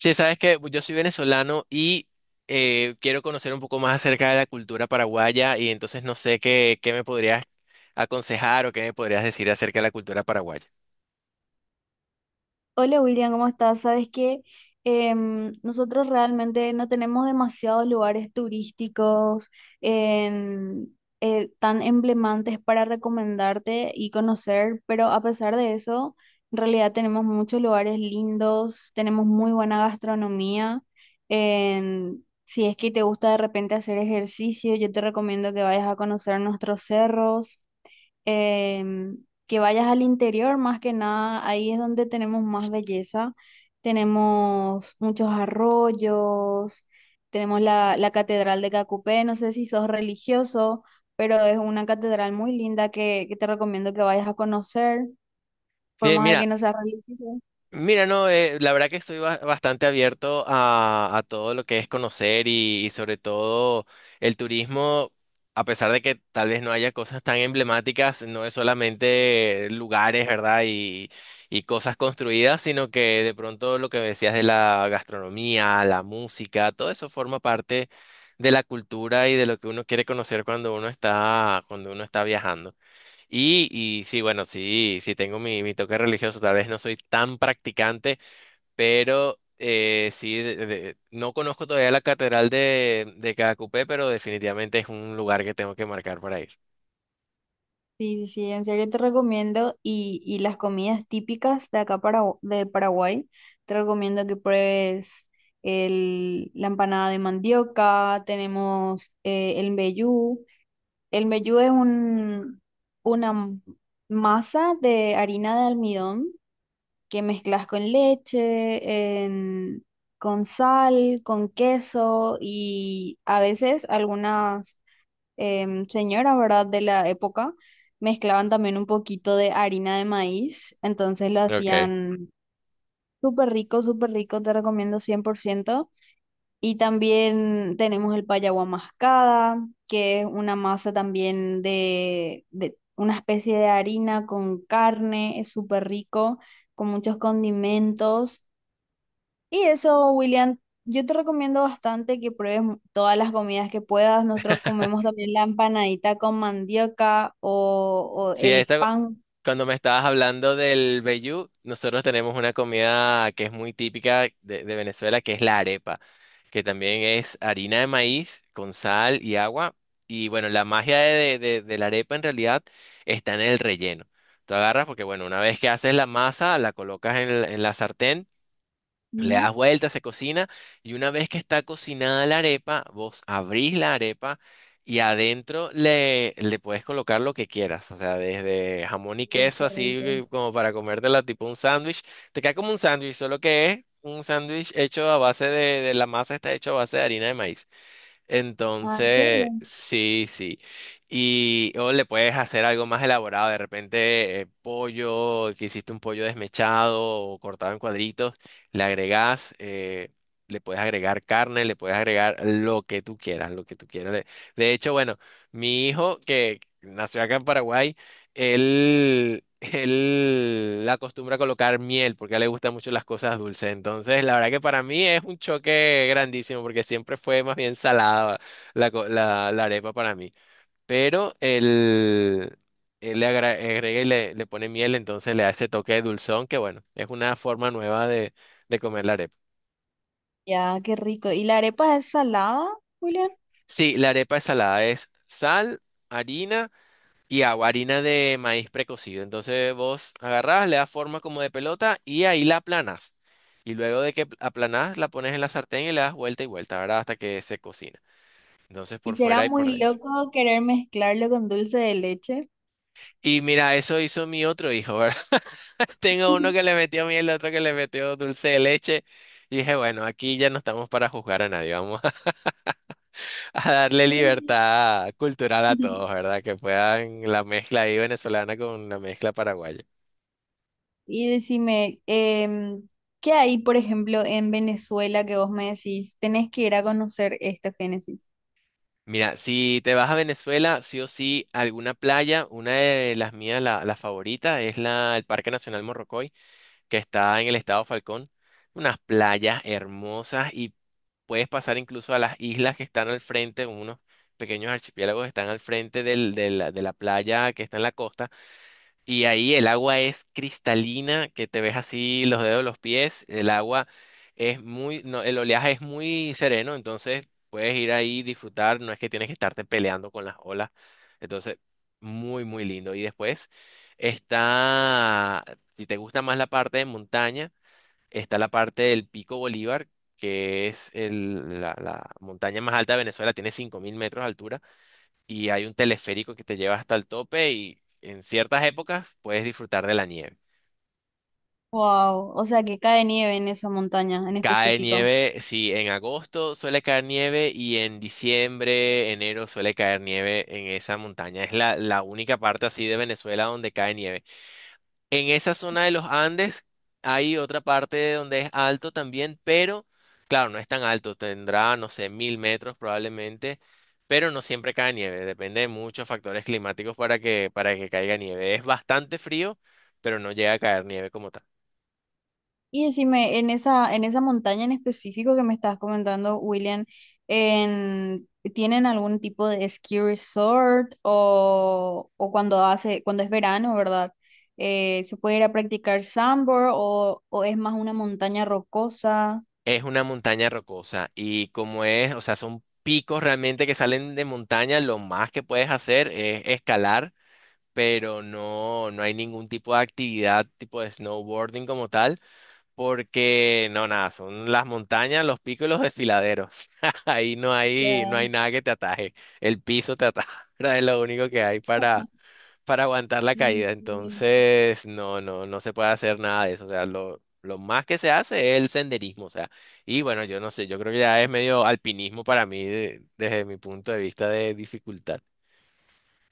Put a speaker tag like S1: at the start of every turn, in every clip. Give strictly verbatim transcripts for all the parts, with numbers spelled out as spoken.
S1: Sí, sabes que yo soy venezolano y eh, quiero conocer un poco más acerca de la cultura paraguaya y entonces no sé qué, qué me podrías aconsejar o qué me podrías decir acerca de la cultura paraguaya.
S2: Hola William, ¿cómo estás? Sabes que em, nosotros realmente no tenemos demasiados lugares turísticos en- eh, tan emblemantes para recomendarte y conocer, pero a pesar de eso, en realidad tenemos muchos lugares lindos, tenemos muy buena gastronomía. En- si es que te gusta de repente hacer ejercicio, yo te recomiendo que vayas a conocer nuestros cerros, em, que vayas al interior, más que nada, ahí es donde tenemos más belleza. Tenemos muchos arroyos, tenemos la, la Catedral de Cacupé, no sé si sos religioso, pero es una catedral muy linda que, que te recomiendo que vayas a conocer, por
S1: Sí,
S2: más de
S1: mira.
S2: que no seas religioso.
S1: Mira, no, eh, la verdad que estoy ba- bastante abierto a, a todo lo que es conocer y, y sobre todo el turismo. A pesar de que tal vez no haya cosas tan emblemáticas, no es solamente lugares, ¿verdad? Y, y cosas construidas, sino que de pronto lo que decías de la gastronomía, la música, todo eso forma parte de la cultura y de lo que uno quiere conocer cuando uno está, cuando uno está viajando. Y, y sí, bueno, sí, sí tengo mi, mi toque religioso, tal vez no soy tan practicante, pero eh, sí, de- de- no conozco todavía la catedral de, de Cacupé, pero definitivamente es un lugar que tengo que marcar para ir.
S2: Sí, sí, sí, en serio te recomiendo, y, y las comidas típicas de acá, para, de Paraguay, te recomiendo que pruebes el, la empanada de mandioca, tenemos eh, el mbejú. El mbejú es un, una m- masa de harina de almidón que mezclas con leche, en- con sal, con queso y a veces algunas em, señora, ¿verdad? De la época, mezclaban también un poquito de harina de maíz, entonces lo
S1: Ok.
S2: hacían súper rico, súper rico, te recomiendo cien por ciento. Y también tenemos el payaguá mascada, que es una masa también de, de una especie de harina con carne, es súper rico, con muchos condimentos. Y eso, William, yo te recomiendo bastante que pruebes mu- todas las comidas que puedas. Nosotros comemos también la empanadita con mandioca o, o
S1: Sí,
S2: el
S1: esta.
S2: pan.
S1: Cuando me estabas hablando del vellú, nosotros tenemos una comida que es muy típica de, de Venezuela, que es la arepa, que también es harina de maíz con sal y agua. Y bueno, la magia de, de- de la arepa en realidad está en el relleno. Tú agarras porque, bueno, una vez que haces la masa, la colocas en, el- en la sartén, le
S2: Ujú.
S1: das vuelta, se cocina, y una vez que está cocinada la arepa, vos abrís la arepa y adentro le, le puedes colocar lo que quieras. O sea, desde jamón y
S2: Uy,
S1: queso,
S2: qué rico.
S1: así como para comértela tipo un sándwich. Te queda como un sándwich, solo que es un sándwich hecho a base de, de la masa está hecha a base de harina de maíz.
S2: Ah, ¿en serio?
S1: Entonces, sí, sí. Y o le puedes hacer algo más elaborado, de repente eh, pollo, que hiciste un pollo desmechado o cortado en cuadritos, le agregas, eh, le puedes agregar carne, le puedes agregar lo que tú quieras, lo que tú quieras. De de hecho, bueno, mi hijo que nació acá en Paraguay, él, él acostumbra a colocar miel porque a él le gustan mucho las cosas dulces. Entonces, la verdad que para mí es un choque grandísimo porque siempre fue más bien salada la, co- la, la arepa para mí. Pero él, él le agra- agrega y le, le pone miel, entonces le da ese toque de dulzón que, bueno, es una forma nueva de, de comer la arepa.
S2: Ya, qué rico. ¿Y la arepa es salada, William?
S1: Sí, la arepa es salada, es sal, harina. Y hago harina de maíz precocido. Entonces vos agarrás, le das forma como de pelota y ahí la aplanas. Y luego de que aplanás, la pones en la sartén y le das vuelta y vuelta, ¿verdad? Hasta que se cocina. Entonces
S2: ¿Y
S1: por
S2: será
S1: fuera y por
S2: muy
S1: dentro.
S2: loco querer mezclarlo con dulce de leche?
S1: Y mira, eso hizo mi otro hijo, ¿verdad? Tengo uno que le metió miel, el otro que le metió dulce de leche. Y dije, bueno, aquí ya no estamos para juzgar a nadie, vamos a, a darle
S2: Y
S1: libertad cultural a
S2: deci-
S1: todos, ¿verdad? Que puedan la mezcla ahí venezolana con la mezcla paraguaya.
S2: y decime, em, ¿qué hay, por ejemplo, en Venezuela que vos me decís, tenés que ir a conocer esto, Génesis?
S1: Mira, si te vas a Venezuela, sí o sí, alguna playa, una de las mías, la, la favorita, es la, el Parque Nacional Morrocoy, que está en el estado Falcón. Unas playas hermosas y puedes pasar incluso a las islas que están al frente, unos pequeños archipiélagos que están al frente del- de la, de la playa que está en la costa. Y ahí el agua es cristalina, que te ves así los dedos de los pies. El agua es muy, no, el oleaje es muy sereno, entonces puedes ir ahí disfrutar, no es que tienes que estarte peleando con las olas. Entonces, muy, muy lindo. Y después está, si te gusta más la parte de montaña, está la parte del Pico Bolívar, que es el- la, la montaña más alta de Venezuela, tiene cinco mil metros de altura y hay un teleférico que te lleva hasta el tope y en ciertas épocas puedes disfrutar de la nieve.
S2: Wow, o sea que cae nieve en esa montaña en
S1: Cae
S2: específico.
S1: nieve, sí, en agosto suele caer nieve y en diciembre, enero suele caer nieve en esa montaña. Es la, la única parte así de Venezuela donde cae nieve. En esa zona de los Andes hay otra parte donde es alto también, pero claro, no es tan alto, tendrá, no sé, mil metros probablemente, pero no siempre cae nieve, depende de muchos factores climáticos para que, para que caiga nieve. Es bastante frío, pero no llega a caer nieve como tal.
S2: Y decime, en esa, en esa montaña en específico que me estás comentando, William, en, ¿tienen algún tipo de ski resort o, o cuando hace, cuando es verano, ¿verdad? Eh, ¿se puede ir a practicar sandboard o, o es más una montaña rocosa?
S1: Es una montaña rocosa y como es, o sea, son picos realmente que salen de montaña, lo más que puedes hacer es escalar, pero no, no hay ningún tipo de actividad tipo de snowboarding como tal. Porque no, nada, son las montañas, los picos y los desfiladeros. Ahí no hay, no
S2: Ya,
S1: hay nada que te ataje. El piso te ataja, ¿verdad? Es lo único que hay para, para aguantar la
S2: sí,
S1: caída.
S2: sí.
S1: Entonces, no, no, no se puede hacer nada de eso. O sea, lo, lo más que se hace es el senderismo. O sea, y bueno, yo no sé, yo creo que ya es medio alpinismo para mí de- desde mi punto de vista de dificultad.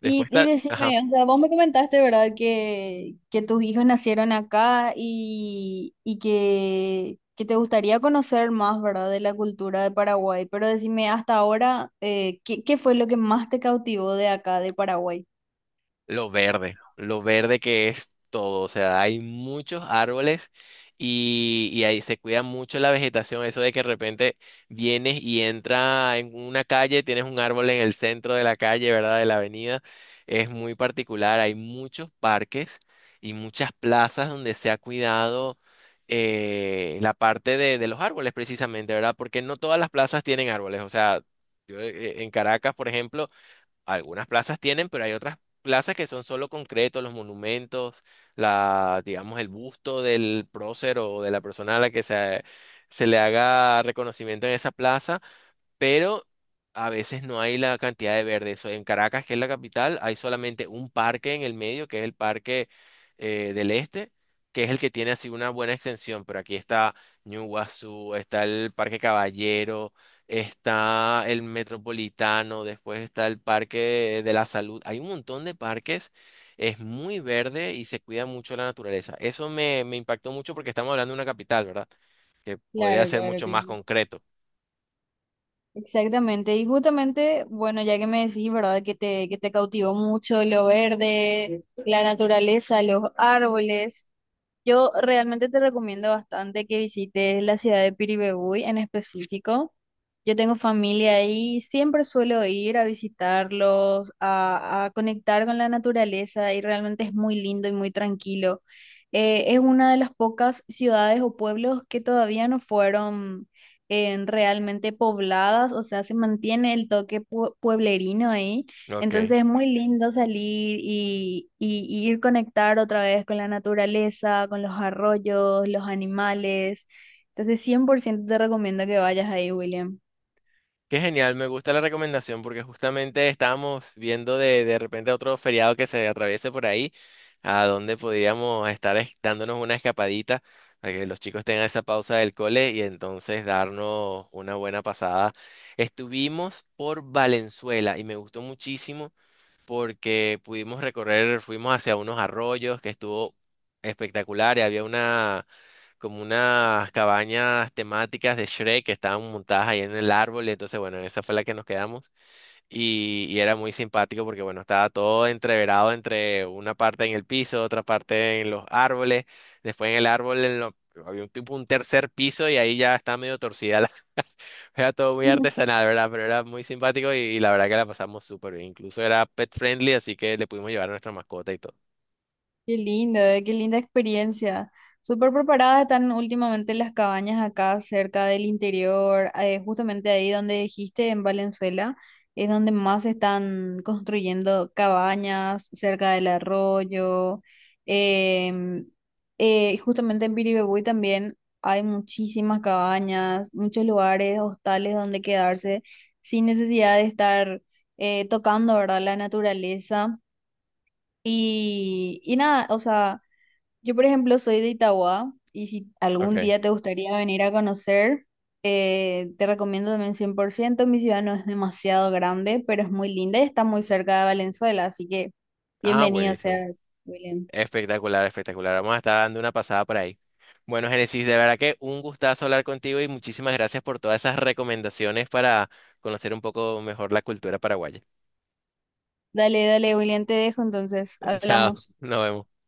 S1: Después
S2: Y, y
S1: está, ajá.
S2: decime, o sea, vos me comentaste, ¿verdad? Que, que tus hijos nacieron acá y, y que, que te gustaría conocer más, ¿verdad? De la cultura de Paraguay. Pero decime, hasta ahora, eh, ¿qué, qué fue lo que más te cautivó de acá, de Paraguay?
S1: Lo verde, lo verde que es todo, o sea, hay muchos árboles y, y ahí se cuida mucho la vegetación, eso de que de repente vienes y entra en una calle, tienes un árbol en el centro de la calle, ¿verdad? De la avenida, es muy particular, hay muchos parques y muchas plazas donde se ha cuidado eh, la parte de, de los árboles precisamente, ¿verdad? Porque no todas las plazas tienen árboles, o sea, yo eh, en Caracas, por ejemplo, algunas plazas tienen, pero hay otras plazas que son solo concretos, los monumentos, la, digamos, el busto del prócer o de la persona a la que se, se le haga reconocimiento en esa plaza, pero a veces no hay la cantidad de verde. Eso, en Caracas, que es la capital, hay solamente un parque en el medio, que es el Parque eh, del Este, que es el que tiene así una buena extensión, pero aquí está Ñuguazú, está el Parque Caballero, está el Metropolitano, después está el Parque de la Salud. Hay un montón de parques. Es muy verde y se cuida mucho la naturaleza. Eso me, me impactó mucho porque estamos hablando de una capital, ¿verdad? Que podría
S2: Claro,
S1: ser
S2: claro,
S1: mucho más
S2: claro.
S1: concreto.
S2: Exactamente, y justamente, bueno, ya que me decís, ¿verdad? Que te, que te cautivó mucho lo verde, la naturaleza, los árboles. Yo realmente te recomiendo bastante que visites la ciudad de Piribebuy en específico. Yo tengo familia ahí, siempre suelo ir a visitarlos, a, a conectar con la naturaleza y realmente es muy lindo y muy tranquilo. Eh, es una de las pocas ciudades o pueblos que todavía no fueron en realmente pobladas, o sea, se mantiene el toque pue- pueblerino ahí.
S1: Ok.
S2: Entonces es muy lindo salir y, y- y ir conectar otra vez con la naturaleza, con los arroyos, los animales. Entonces cien por ciento te recomiendo que vayas ahí, William.
S1: Qué genial, me gusta la recomendación porque justamente estábamos viendo de, de repente otro feriado que se atraviese por ahí, a donde podríamos estar es- dándonos una escapadita para que los chicos tengan esa pausa del cole y entonces darnos una buena pasada. Estuvimos por Valenzuela y me gustó muchísimo porque pudimos recorrer, fuimos hacia unos arroyos que estuvo espectacular y había como unas cabañas temáticas de Shrek que estaban montadas ahí en el árbol, y entonces, bueno, esa fue la que nos quedamos y, y era muy simpático porque, bueno, estaba todo entreverado entre una parte en el piso, otra parte en los árboles, después en el árbol en lo- había un tipo un tercer piso y ahí ya está medio torcida, la- era todo muy artesanal, ¿verdad? Pero era muy simpático y, y la verdad que la pasamos súper bien, incluso era pet friendly, así que le pudimos llevar a nuestra mascota y todo.
S2: Qué lindo, eh, qué linda experiencia. Súper preparadas están últimamente las cabañas acá cerca del interior, eh, justamente ahí donde dijiste, en Valenzuela, es donde más se están construyendo cabañas cerca del arroyo. em, eh, Justamente en Piribebuy también hay muchísimas cabañas, muchos lugares, hostales donde quedarse sin necesidad de estar eh, tocando, ¿verdad? La naturaleza. Y, y nada, o sea... Yo, por ejemplo, soy de Itauguá y si algún
S1: Ok.
S2: día te gustaría venir a conocer, eh, te recomiendo también cien por ciento. Mi ciudad no es demasiado grande, pero es muy linda y está muy cerca de Valenzuela, así que
S1: Ah,
S2: bienvenido
S1: buenísimo.
S2: seas, William.
S1: Espectacular, espectacular. Vamos a estar dando una pasada por ahí. Bueno, Génesis, de verdad que un gustazo hablar contigo y muchísimas gracias por todas esas recomendaciones para conocer un poco mejor la cultura paraguaya.
S2: Dale, dale, William, te dejo, entonces
S1: Chao,
S2: hablamos.
S1: nos vemos.